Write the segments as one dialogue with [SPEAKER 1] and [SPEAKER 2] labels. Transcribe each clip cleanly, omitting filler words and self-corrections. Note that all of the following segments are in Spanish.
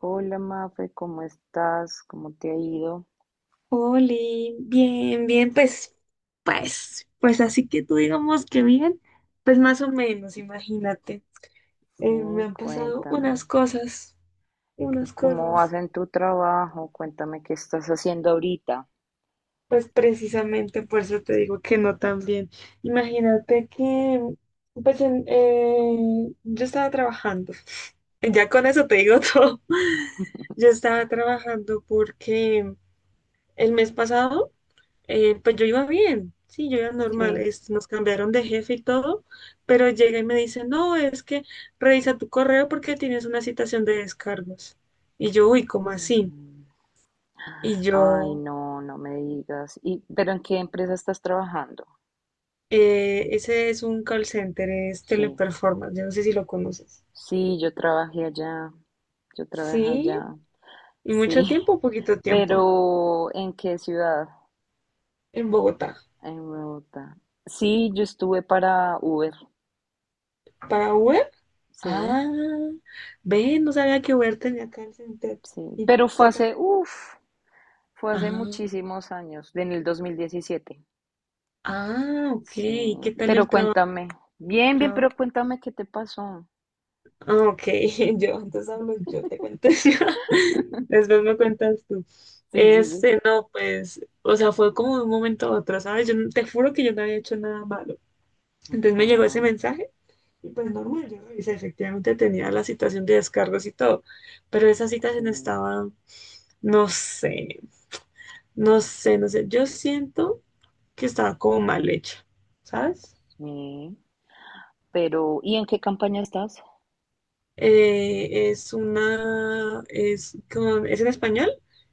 [SPEAKER 1] Hola Mafe, ¿cómo estás? ¿Cómo te ha ido?
[SPEAKER 2] Oli, bien, bien, pues así que tú digamos que bien, pues más o menos, imagínate. Me
[SPEAKER 1] Sí,
[SPEAKER 2] han pasado
[SPEAKER 1] cuéntame.
[SPEAKER 2] unas
[SPEAKER 1] ¿Cómo vas
[SPEAKER 2] cosas,
[SPEAKER 1] en tu trabajo? Cuéntame qué estás haciendo ahorita.
[SPEAKER 2] pues precisamente por eso te digo que no tan bien. Imagínate que, pues, yo estaba trabajando, ya con eso te digo todo. Yo estaba trabajando porque el mes pasado, pues yo iba bien, sí, yo iba normal,
[SPEAKER 1] Sí.
[SPEAKER 2] nos cambiaron de jefe y todo, pero llega y me dice, no, es que revisa tu correo porque tienes una citación de descargos. Y yo, uy, ¿cómo así?
[SPEAKER 1] Mm.
[SPEAKER 2] Y
[SPEAKER 1] Ay,
[SPEAKER 2] yo,
[SPEAKER 1] no, no me digas. ¿Y pero en qué empresa estás trabajando?
[SPEAKER 2] Ese es un call center, es
[SPEAKER 1] Sí.
[SPEAKER 2] Teleperformance, yo no sé si lo conoces.
[SPEAKER 1] Sí, yo trabajé allá. Yo trabajé
[SPEAKER 2] Sí,
[SPEAKER 1] allá.
[SPEAKER 2] y mucho
[SPEAKER 1] Sí.
[SPEAKER 2] tiempo, poquito tiempo,
[SPEAKER 1] Pero ¿en qué ciudad?
[SPEAKER 2] en Bogotá,
[SPEAKER 1] En Bogotá. Sí, yo estuve para Uber.
[SPEAKER 2] para Uber.
[SPEAKER 1] Sí,
[SPEAKER 2] Ah, ven, no sabía que Uber tenía call center.
[SPEAKER 1] sí.
[SPEAKER 2] ¿Y
[SPEAKER 1] Pero fue
[SPEAKER 2] qué tal?
[SPEAKER 1] hace, uff. Fue hace
[SPEAKER 2] Ah,
[SPEAKER 1] muchísimos años, en el 2017.
[SPEAKER 2] ah, ok,
[SPEAKER 1] Sí,
[SPEAKER 2] ¿y qué tal
[SPEAKER 1] pero
[SPEAKER 2] el trabajo?
[SPEAKER 1] cuéntame. Bien, bien,
[SPEAKER 2] Traba-
[SPEAKER 1] pero cuéntame qué te pasó.
[SPEAKER 2] Ah, ok, yo antes hablo, yo te cuento. Después me cuentas tú.
[SPEAKER 1] Sí, sí, sí.
[SPEAKER 2] Este, no, pues, o sea, fue como de un momento a otro, ¿sabes? Yo no- Te juro que yo no había hecho nada malo. Entonces me llegó ese
[SPEAKER 1] Ah,
[SPEAKER 2] mensaje y pues normal, yo revisé, efectivamente tenía la citación de descargos y todo, pero esa citación
[SPEAKER 1] sí,
[SPEAKER 2] estaba, no sé, no sé, no sé, yo siento que estaba como mal hecha, ¿sabes?
[SPEAKER 1] sí. Pero, ¿y en qué campaña estás?
[SPEAKER 2] Es una, es con, es en español,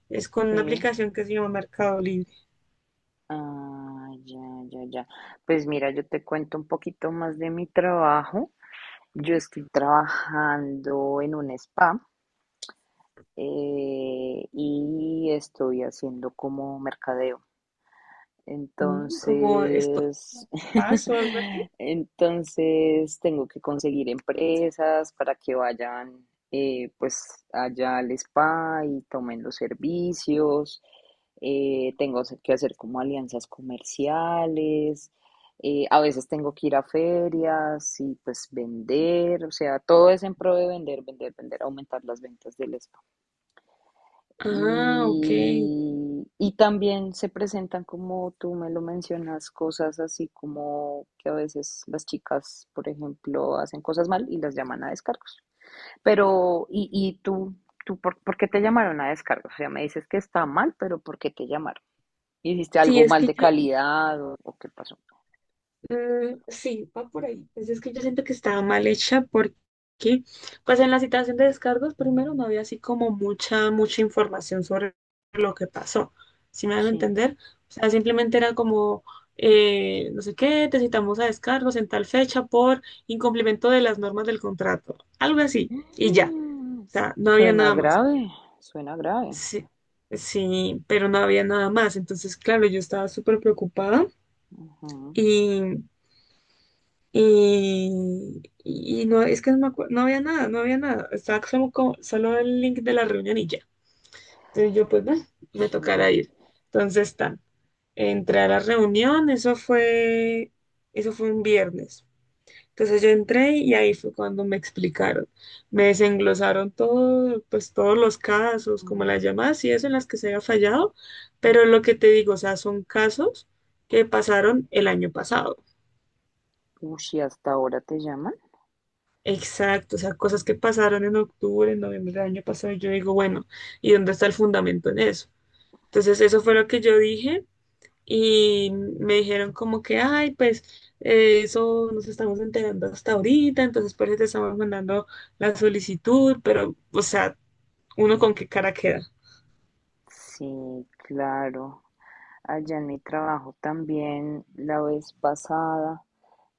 [SPEAKER 2] es con una
[SPEAKER 1] Sí.
[SPEAKER 2] aplicación que se llama Mercado Libre.
[SPEAKER 1] Ah, ya, ya, ya. Pues mira, yo te cuento un poquito más de mi trabajo. Yo estoy trabajando en un spa, y estoy haciendo como mercadeo.
[SPEAKER 2] Como esto,
[SPEAKER 1] Entonces,
[SPEAKER 2] Paz o algo así.
[SPEAKER 1] entonces tengo que conseguir empresas para que vayan, pues allá al spa y tomen los servicios. Tengo que hacer como alianzas comerciales. A veces tengo que ir a ferias y pues vender. O sea, todo es en pro de vender, vender, vender, aumentar las ventas del spa.
[SPEAKER 2] Ah, ok.
[SPEAKER 1] Y también se presentan, como tú me lo mencionas, cosas así como que a veces las chicas, por ejemplo, hacen cosas mal y las llaman a descargos. Pero, ¿y tú por qué te llamaron a descargos? O sea, me dices que está mal, pero ¿por qué te llamaron? ¿Hiciste
[SPEAKER 2] Sí,
[SPEAKER 1] algo
[SPEAKER 2] es
[SPEAKER 1] mal
[SPEAKER 2] que
[SPEAKER 1] de
[SPEAKER 2] yo,
[SPEAKER 1] calidad o qué pasó?
[SPEAKER 2] mm, sí, va por ahí. Pues es que yo siento que estaba mal hecha porque, pues en la citación de descargos primero no había así como mucha, mucha información sobre lo que pasó. ¿Si me van a
[SPEAKER 1] Sí.
[SPEAKER 2] entender? O sea, simplemente era como, no sé qué, te citamos a descargos en tal fecha por incumplimiento de las normas del contrato, algo así, y ya.
[SPEAKER 1] Mm,
[SPEAKER 2] O sea, no había
[SPEAKER 1] Suena
[SPEAKER 2] nada más.
[SPEAKER 1] grave, suena grave.
[SPEAKER 2] Sí, sí, pero no había nada más. Entonces, claro, yo estaba súper preocupada.
[SPEAKER 1] Ujú,
[SPEAKER 2] Y y no, es que no, me acuerdo no había nada, no había nada. Estaba solo, solo el link de la reunión y ya. Entonces yo, pues, bueno, me
[SPEAKER 1] sí.
[SPEAKER 2] tocará ir. Entonces, tan, entré a la reunión, eso fue un viernes. Entonces yo entré y ahí fue cuando me explicaron. Me desenglosaron todo, pues, todos los casos, como
[SPEAKER 1] Ujú.
[SPEAKER 2] las llamadas y eso en las que se había fallado. Pero lo que te digo, o sea, son casos que pasaron el año pasado.
[SPEAKER 1] Uy, ¿y hasta ahora te llaman?
[SPEAKER 2] Exacto, o sea, cosas que pasaron en octubre, en noviembre del año pasado, y yo digo, bueno, ¿y dónde está el fundamento en eso? Entonces, eso fue lo que yo dije y me dijeron como que, ay, pues eso nos estamos enterando hasta ahorita, entonces por eso te estamos mandando la solicitud, pero, o sea, ¿uno con qué cara queda?
[SPEAKER 1] Sí, claro. Allá en mi trabajo también, la vez pasada,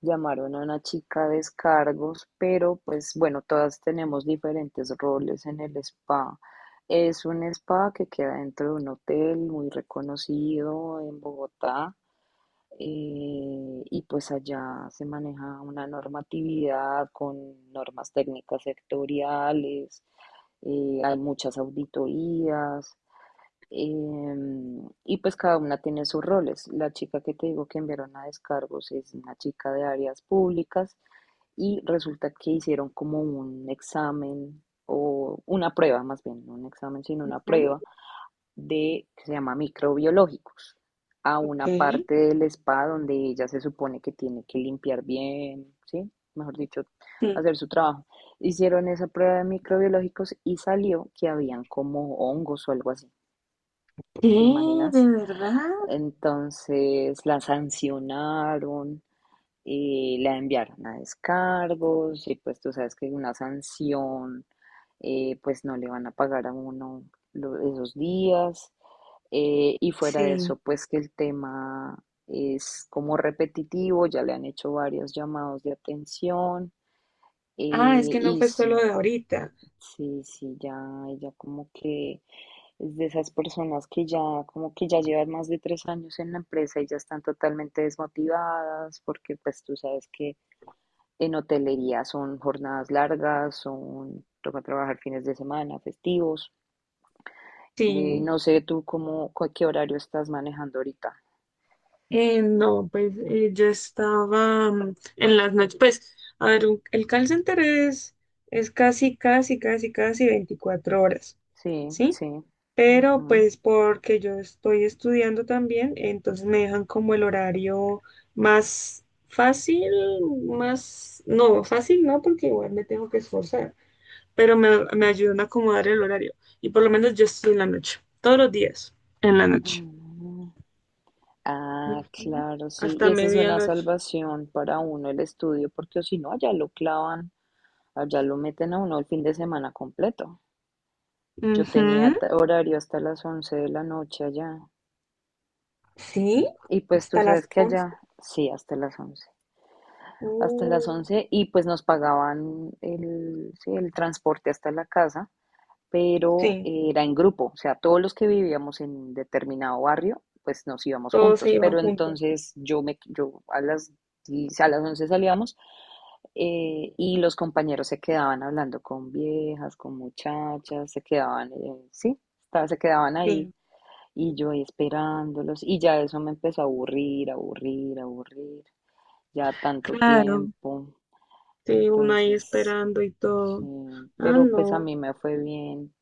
[SPEAKER 1] llamaron a una chica de descargos, pero pues bueno, todas tenemos diferentes roles en el spa. Es un spa que queda dentro de un hotel muy reconocido en Bogotá. Y pues allá se maneja una normatividad con normas técnicas sectoriales, hay muchas auditorías. Y pues cada una tiene sus roles. La chica que te digo que enviaron a descargos es una chica de áreas públicas y resulta que hicieron como un examen o una prueba, más bien, no un examen, sino una
[SPEAKER 2] Ujú.
[SPEAKER 1] prueba de que se llama microbiológicos a
[SPEAKER 2] Ok.
[SPEAKER 1] una parte del spa donde ella se supone que tiene que limpiar bien, ¿sí? Mejor dicho,
[SPEAKER 2] Sí.
[SPEAKER 1] hacer su trabajo. Hicieron esa prueba de microbiológicos y salió que habían como hongos o algo así. ¿Te
[SPEAKER 2] ¿Qué? ¿De
[SPEAKER 1] imaginas?
[SPEAKER 2] verdad?
[SPEAKER 1] Entonces la sancionaron, la enviaron a descargos y pues tú sabes que una sanción, pues no le van a pagar a uno esos días. Y fuera de eso,
[SPEAKER 2] Sí.
[SPEAKER 1] pues que el tema es como repetitivo, ya le han hecho varios llamados de atención. eh,
[SPEAKER 2] Ah, es que no
[SPEAKER 1] y
[SPEAKER 2] fue solo
[SPEAKER 1] sí,
[SPEAKER 2] de ahorita.
[SPEAKER 1] sí, sí, ya ella como que es de esas personas que ya, como que ya llevan más de 3 años en la empresa y ya están totalmente desmotivadas, porque pues tú sabes que en hotelería son jornadas largas, son, toca trabajar fines de semana, festivos.
[SPEAKER 2] Sí.
[SPEAKER 1] No sé tú cómo, qué horario estás manejando ahorita.
[SPEAKER 2] No, pues yo estaba en las noches, pues, a ver, el call center es casi, casi, casi, casi 24 horas,
[SPEAKER 1] Sí,
[SPEAKER 2] ¿sí?
[SPEAKER 1] sí.
[SPEAKER 2] Pero
[SPEAKER 1] Ujú.
[SPEAKER 2] pues porque yo estoy estudiando también, entonces me dejan como el horario más fácil, más, no, fácil no, porque igual me tengo que esforzar, pero me ayudan a acomodar el horario. Y por lo menos yo estoy en la noche, todos los días, en la noche.
[SPEAKER 1] Mm. Ah,
[SPEAKER 2] Ujú.
[SPEAKER 1] claro, sí.
[SPEAKER 2] Hasta
[SPEAKER 1] Y esa es una
[SPEAKER 2] medianoche.
[SPEAKER 1] salvación para uno el estudio, porque si no, allá lo clavan, allá lo meten a uno el fin de semana completo. Yo tenía
[SPEAKER 2] Ujú.
[SPEAKER 1] horario hasta las 11 de la noche allá.
[SPEAKER 2] Sí,
[SPEAKER 1] Y pues tú
[SPEAKER 2] hasta
[SPEAKER 1] sabes
[SPEAKER 2] las
[SPEAKER 1] que
[SPEAKER 2] once
[SPEAKER 1] allá, sí, hasta las 11. Hasta
[SPEAKER 2] Uh,
[SPEAKER 1] las 11 y pues nos pagaban el, sí, el transporte hasta la casa, pero
[SPEAKER 2] sí,
[SPEAKER 1] era en grupo. O sea, todos los que vivíamos en determinado barrio, pues nos íbamos
[SPEAKER 2] todos se
[SPEAKER 1] juntos.
[SPEAKER 2] iban
[SPEAKER 1] Pero
[SPEAKER 2] juntos.
[SPEAKER 1] entonces yo a las, 10 a las 11 salíamos, y los compañeros se quedaban hablando con viejas, con muchachas, se quedaban, sí, se quedaban ahí.
[SPEAKER 2] Sí,
[SPEAKER 1] Y yo ahí esperándolos, y ya eso me empezó a aburrir, aburrir, aburrir, ya tanto
[SPEAKER 2] claro.
[SPEAKER 1] tiempo.
[SPEAKER 2] Sí, uno ahí
[SPEAKER 1] Entonces,
[SPEAKER 2] esperando y todo.
[SPEAKER 1] sí,
[SPEAKER 2] Ah,
[SPEAKER 1] pero pues a
[SPEAKER 2] no.
[SPEAKER 1] mí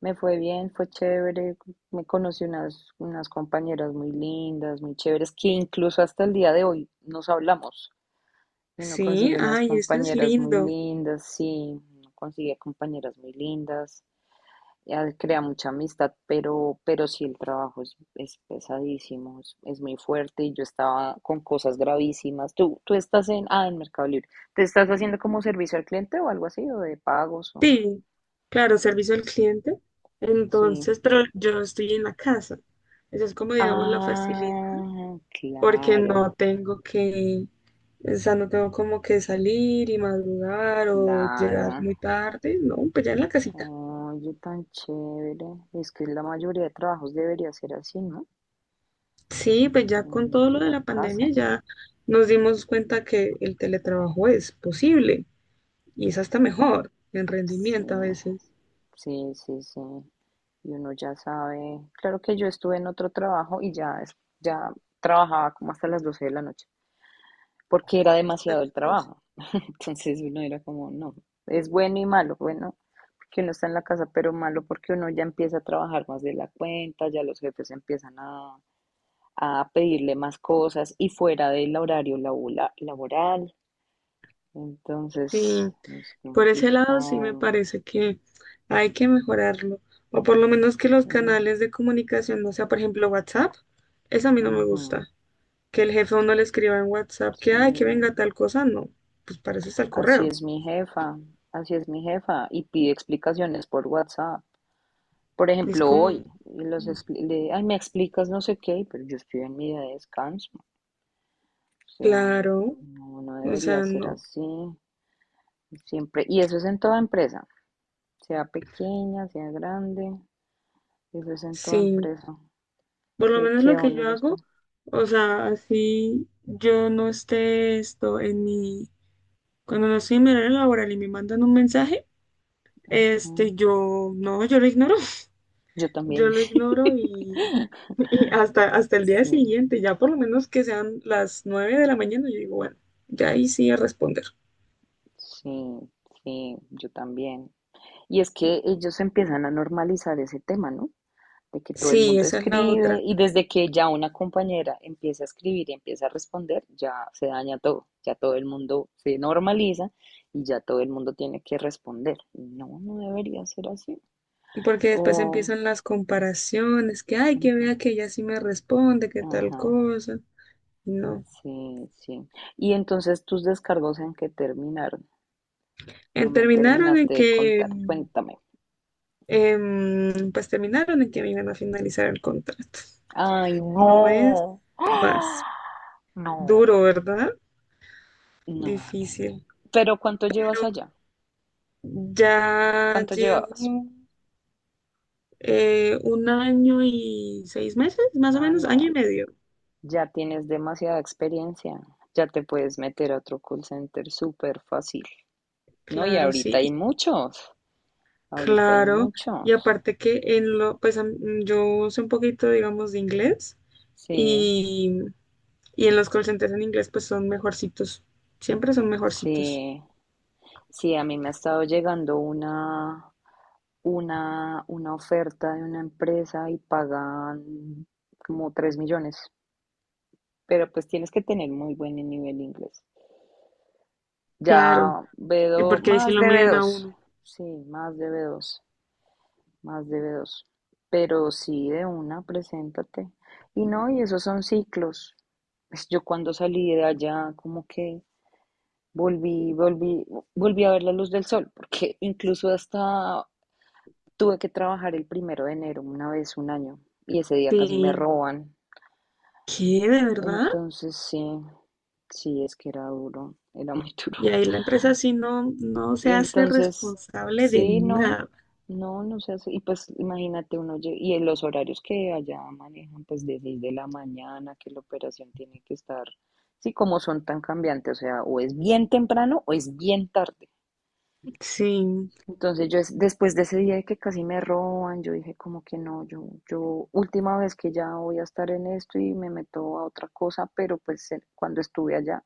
[SPEAKER 1] me fue bien, fue chévere, me conocí unas compañeras muy lindas, muy chéveres, que incluso hasta el día de hoy nos hablamos. Uno
[SPEAKER 2] Sí,
[SPEAKER 1] consigue unas
[SPEAKER 2] ay, eso es
[SPEAKER 1] compañeras muy
[SPEAKER 2] lindo.
[SPEAKER 1] lindas, sí, uno consigue compañeras muy lindas. Ya él crea mucha amistad, pero, sí el trabajo es, pesadísimo, es, muy fuerte y yo estaba con cosas gravísimas. Tú estás en, Mercado Libre. ¿Te estás haciendo como servicio al cliente o algo así, o de pagos o?
[SPEAKER 2] Sí, claro, servicio al cliente.
[SPEAKER 1] Sí.
[SPEAKER 2] Entonces, pero yo estoy en la casa. Eso es como, digamos, la facilidad,
[SPEAKER 1] Ah,
[SPEAKER 2] porque no
[SPEAKER 1] claro,
[SPEAKER 2] tengo que, o sea, no tengo como que salir y madrugar o
[SPEAKER 1] claro.
[SPEAKER 2] llegar muy tarde. No, pues ya en la casita.
[SPEAKER 1] Oye, tan chévere. Es que la mayoría de trabajos debería ser así, ¿no?
[SPEAKER 2] Sí, pues ya con
[SPEAKER 1] En
[SPEAKER 2] todo
[SPEAKER 1] de
[SPEAKER 2] lo de
[SPEAKER 1] la
[SPEAKER 2] la pandemia
[SPEAKER 1] casa.
[SPEAKER 2] ya nos dimos cuenta que el teletrabajo es posible y es hasta mejor en
[SPEAKER 1] Sí,
[SPEAKER 2] rendimiento a veces.
[SPEAKER 1] sí, sí, sí. Y uno ya sabe. Claro que yo estuve en otro trabajo y ya, ya trabajaba como hasta las 12 de la noche, porque era
[SPEAKER 2] Hasta las
[SPEAKER 1] demasiado el
[SPEAKER 2] dos.
[SPEAKER 1] trabajo. Entonces uno era como, no, es bueno y malo, bueno, porque uno está en la casa, pero malo porque uno ya empieza a trabajar más de la cuenta, ya los jefes empiezan a pedirle más cosas y fuera del horario laboral.
[SPEAKER 2] Sí,
[SPEAKER 1] Entonces es
[SPEAKER 2] por ese lado sí me
[SPEAKER 1] complicado.
[SPEAKER 2] parece que hay que mejorarlo o por lo menos que los
[SPEAKER 1] Sí,
[SPEAKER 2] canales de comunicación, no sea, por ejemplo, WhatsApp, eso a mí no me
[SPEAKER 1] ujú,
[SPEAKER 2] gusta. Que el jefe a uno le escriba en WhatsApp que, ay, que venga
[SPEAKER 1] sí.
[SPEAKER 2] tal cosa, no, pues para eso está el
[SPEAKER 1] Así
[SPEAKER 2] correo.
[SPEAKER 1] es mi jefa, así es mi jefa, y pide explicaciones por WhatsApp. Por
[SPEAKER 2] Es
[SPEAKER 1] ejemplo,
[SPEAKER 2] como,
[SPEAKER 1] hoy, y ay, me explicas no sé qué, pero yo estoy en mi día de descanso. O sea,
[SPEAKER 2] claro,
[SPEAKER 1] no, no
[SPEAKER 2] o
[SPEAKER 1] debería
[SPEAKER 2] sea,
[SPEAKER 1] ser
[SPEAKER 2] no.
[SPEAKER 1] así. Siempre, y eso es en toda empresa, sea pequeña, sea grande, eso es en toda
[SPEAKER 2] Sí,
[SPEAKER 1] empresa.
[SPEAKER 2] por lo
[SPEAKER 1] Que,
[SPEAKER 2] menos
[SPEAKER 1] que
[SPEAKER 2] lo
[SPEAKER 1] a
[SPEAKER 2] que
[SPEAKER 1] uno
[SPEAKER 2] yo
[SPEAKER 1] lo están.
[SPEAKER 2] hago, o sea, así yo no esté esto en mi, cuando no estoy en mi horario laboral y me mandan un mensaje,
[SPEAKER 1] Ujú.
[SPEAKER 2] este, yo, no, yo lo ignoro,
[SPEAKER 1] Yo
[SPEAKER 2] yo
[SPEAKER 1] también,
[SPEAKER 2] lo ignoro y, y hasta, hasta el día
[SPEAKER 1] sí,
[SPEAKER 2] siguiente, ya por lo menos que sean las 9 de la mañana, yo digo, bueno, ya ahí sí a responder.
[SPEAKER 1] sí, sí, yo también. Y es que ellos empiezan a normalizar ese tema, ¿no? De que todo el
[SPEAKER 2] Sí,
[SPEAKER 1] mundo
[SPEAKER 2] esa es la
[SPEAKER 1] escribe
[SPEAKER 2] otra,
[SPEAKER 1] y desde que ya una compañera empieza a escribir y empieza a responder, ya se daña todo, ya todo el mundo se normaliza y ya todo el mundo tiene que responder. No, no debería ser así.
[SPEAKER 2] porque después
[SPEAKER 1] O,
[SPEAKER 2] empiezan las comparaciones, que, ay, que
[SPEAKER 1] ujú,
[SPEAKER 2] vea que ella sí me responde, que tal
[SPEAKER 1] ajá,
[SPEAKER 2] cosa, no.
[SPEAKER 1] sí, sí. Y entonces tus descargos en que terminaron. No
[SPEAKER 2] En
[SPEAKER 1] me
[SPEAKER 2] terminaron en
[SPEAKER 1] terminaste de
[SPEAKER 2] que,
[SPEAKER 1] contar. Cuéntame.
[SPEAKER 2] Pues terminaron en que me iban a finalizar el contrato.
[SPEAKER 1] Ay,
[SPEAKER 2] No es
[SPEAKER 1] no. ¡Ah!
[SPEAKER 2] más
[SPEAKER 1] No,
[SPEAKER 2] duro, ¿verdad?
[SPEAKER 1] no, no, no.
[SPEAKER 2] Difícil.
[SPEAKER 1] Pero ¿cuánto llevas allá?
[SPEAKER 2] Ya
[SPEAKER 1] ¿Cuánto
[SPEAKER 2] llevo
[SPEAKER 1] llevabas?
[SPEAKER 2] un año y 6 meses, más o
[SPEAKER 1] Ah,
[SPEAKER 2] menos, año
[SPEAKER 1] no.
[SPEAKER 2] y medio.
[SPEAKER 1] Ya tienes demasiada experiencia, ya te puedes meter a otro call center súper fácil. No, y
[SPEAKER 2] Claro,
[SPEAKER 1] ahorita
[SPEAKER 2] sí, y
[SPEAKER 1] hay muchos, ahorita hay
[SPEAKER 2] claro. Y
[SPEAKER 1] muchos.
[SPEAKER 2] aparte que en lo, pues yo sé un poquito, digamos, de inglés
[SPEAKER 1] Sí,
[SPEAKER 2] y, y en los call centers en inglés pues son mejorcitos. Siempre son mejorcitos.
[SPEAKER 1] sí, sí, a mí me ha estado llegando una oferta de una empresa y pagan como 3 millones, pero pues tienes que tener muy buen nivel de inglés.
[SPEAKER 2] Claro,
[SPEAKER 1] Ya B2,
[SPEAKER 2] porque ahí sí
[SPEAKER 1] más
[SPEAKER 2] lo
[SPEAKER 1] de
[SPEAKER 2] miden a
[SPEAKER 1] B2,
[SPEAKER 2] uno.
[SPEAKER 1] sí, más de B2. Más debe dos. Pero sí, de una, preséntate. Y no, y esos son ciclos. Pues yo cuando salí de allá, como que volví, volví, volví a ver la luz del sol, porque incluso hasta tuve que trabajar el primero de enero, una vez, un año, y ese día casi me
[SPEAKER 2] Sí,
[SPEAKER 1] roban.
[SPEAKER 2] ¿qué? ¿De verdad?
[SPEAKER 1] Entonces, sí, sí, es que era duro, era muy
[SPEAKER 2] Y
[SPEAKER 1] duro.
[SPEAKER 2] ahí la empresa sí no, no
[SPEAKER 1] Y
[SPEAKER 2] se hace
[SPEAKER 1] entonces,
[SPEAKER 2] responsable de
[SPEAKER 1] sí, no,
[SPEAKER 2] nada.
[SPEAKER 1] no, no sé, y pues imagínate uno, y en los horarios que allá manejan, pues de 6 de la mañana, que la operación tiene que estar, sí, como son tan cambiantes, o sea, o es bien temprano o es bien tarde.
[SPEAKER 2] Sí.
[SPEAKER 1] Entonces yo después de ese día de que casi me roban, yo dije como que no, yo última vez que ya voy a estar en esto y me meto a otra cosa, pero pues cuando estuve allá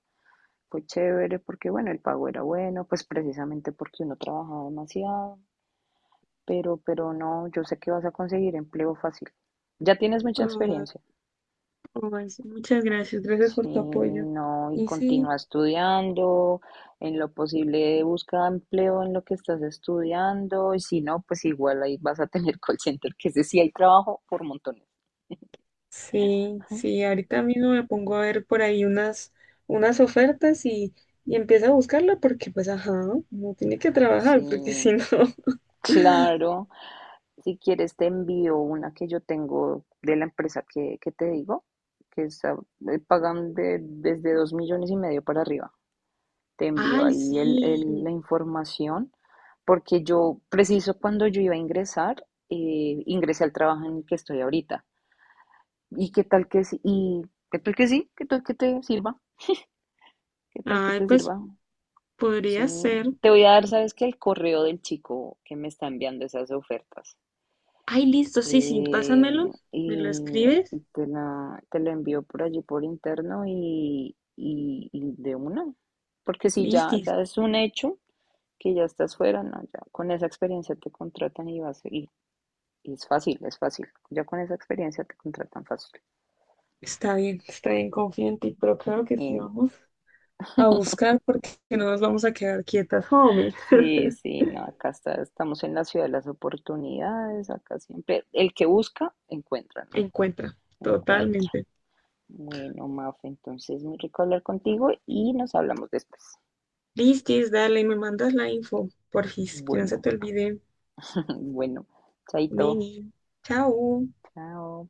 [SPEAKER 1] fue chévere porque bueno, el pago era bueno, pues precisamente porque uno trabajaba demasiado, pero, no, yo sé que vas a conseguir empleo fácil. Ya tienes mucha
[SPEAKER 2] Ah,
[SPEAKER 1] experiencia.
[SPEAKER 2] ay, sí, muchas gracias, gracias por
[SPEAKER 1] Sí,
[SPEAKER 2] tu apoyo.
[SPEAKER 1] no, y
[SPEAKER 2] Y sí,
[SPEAKER 1] continúa estudiando, en lo posible busca empleo en lo que estás estudiando, y si no, pues igual ahí vas a tener call center, que ese sí hay trabajo por montones.
[SPEAKER 2] sí,
[SPEAKER 1] Ujú.
[SPEAKER 2] sí, ahorita mismo me pongo a ver por ahí unas ofertas y empiezo a buscarla porque pues ajá, no tiene que
[SPEAKER 1] Sí,
[SPEAKER 2] trabajar porque si no.
[SPEAKER 1] claro. Si quieres te envío una que yo tengo de la empresa que te digo, que está, pagan desde 2,5 millones para arriba. Te envío
[SPEAKER 2] Ay,
[SPEAKER 1] ahí la
[SPEAKER 2] sí.
[SPEAKER 1] información, porque yo, preciso cuando yo iba a ingresar, ingresé al trabajo en el que estoy ahorita. ¿Y qué tal que sí? ¿Y qué tal que sí? ¿Qué tal que te sirva? ¿Qué tal que
[SPEAKER 2] Ay,
[SPEAKER 1] te
[SPEAKER 2] pues
[SPEAKER 1] sirva?
[SPEAKER 2] podría
[SPEAKER 1] Sí,
[SPEAKER 2] ser.
[SPEAKER 1] te voy a dar, ¿sabes qué? El correo del chico que me está enviando esas ofertas.
[SPEAKER 2] Ay, listo, sí, sí,
[SPEAKER 1] Eh,
[SPEAKER 2] pásamelo, me lo
[SPEAKER 1] y
[SPEAKER 2] escribes.
[SPEAKER 1] y te la envío por allí por interno y de una. Porque si ya,
[SPEAKER 2] Listo.
[SPEAKER 1] ya es un hecho, que ya estás fuera, no, ya con esa experiencia te contratan y vas y es fácil, es fácil. Ya con esa experiencia te contratan fácil.
[SPEAKER 2] Está bien, confío en ti, pero claro que sí
[SPEAKER 1] Y
[SPEAKER 2] vamos a buscar porque no nos vamos a quedar quietas, hombre.
[SPEAKER 1] sí, sí, no, acá estamos en la ciudad de las oportunidades, acá siempre el que busca encuentra, ¿no?
[SPEAKER 2] Encuentra,
[SPEAKER 1] Encuentra.
[SPEAKER 2] totalmente.
[SPEAKER 1] Bueno, Maf, entonces muy rico hablar contigo y nos hablamos después.
[SPEAKER 2] Listis, dale, me mandas la info, porfis, que no se
[SPEAKER 1] Bueno,
[SPEAKER 2] te olvide.
[SPEAKER 1] bueno, chaito.
[SPEAKER 2] Mini, chao.
[SPEAKER 1] Chao.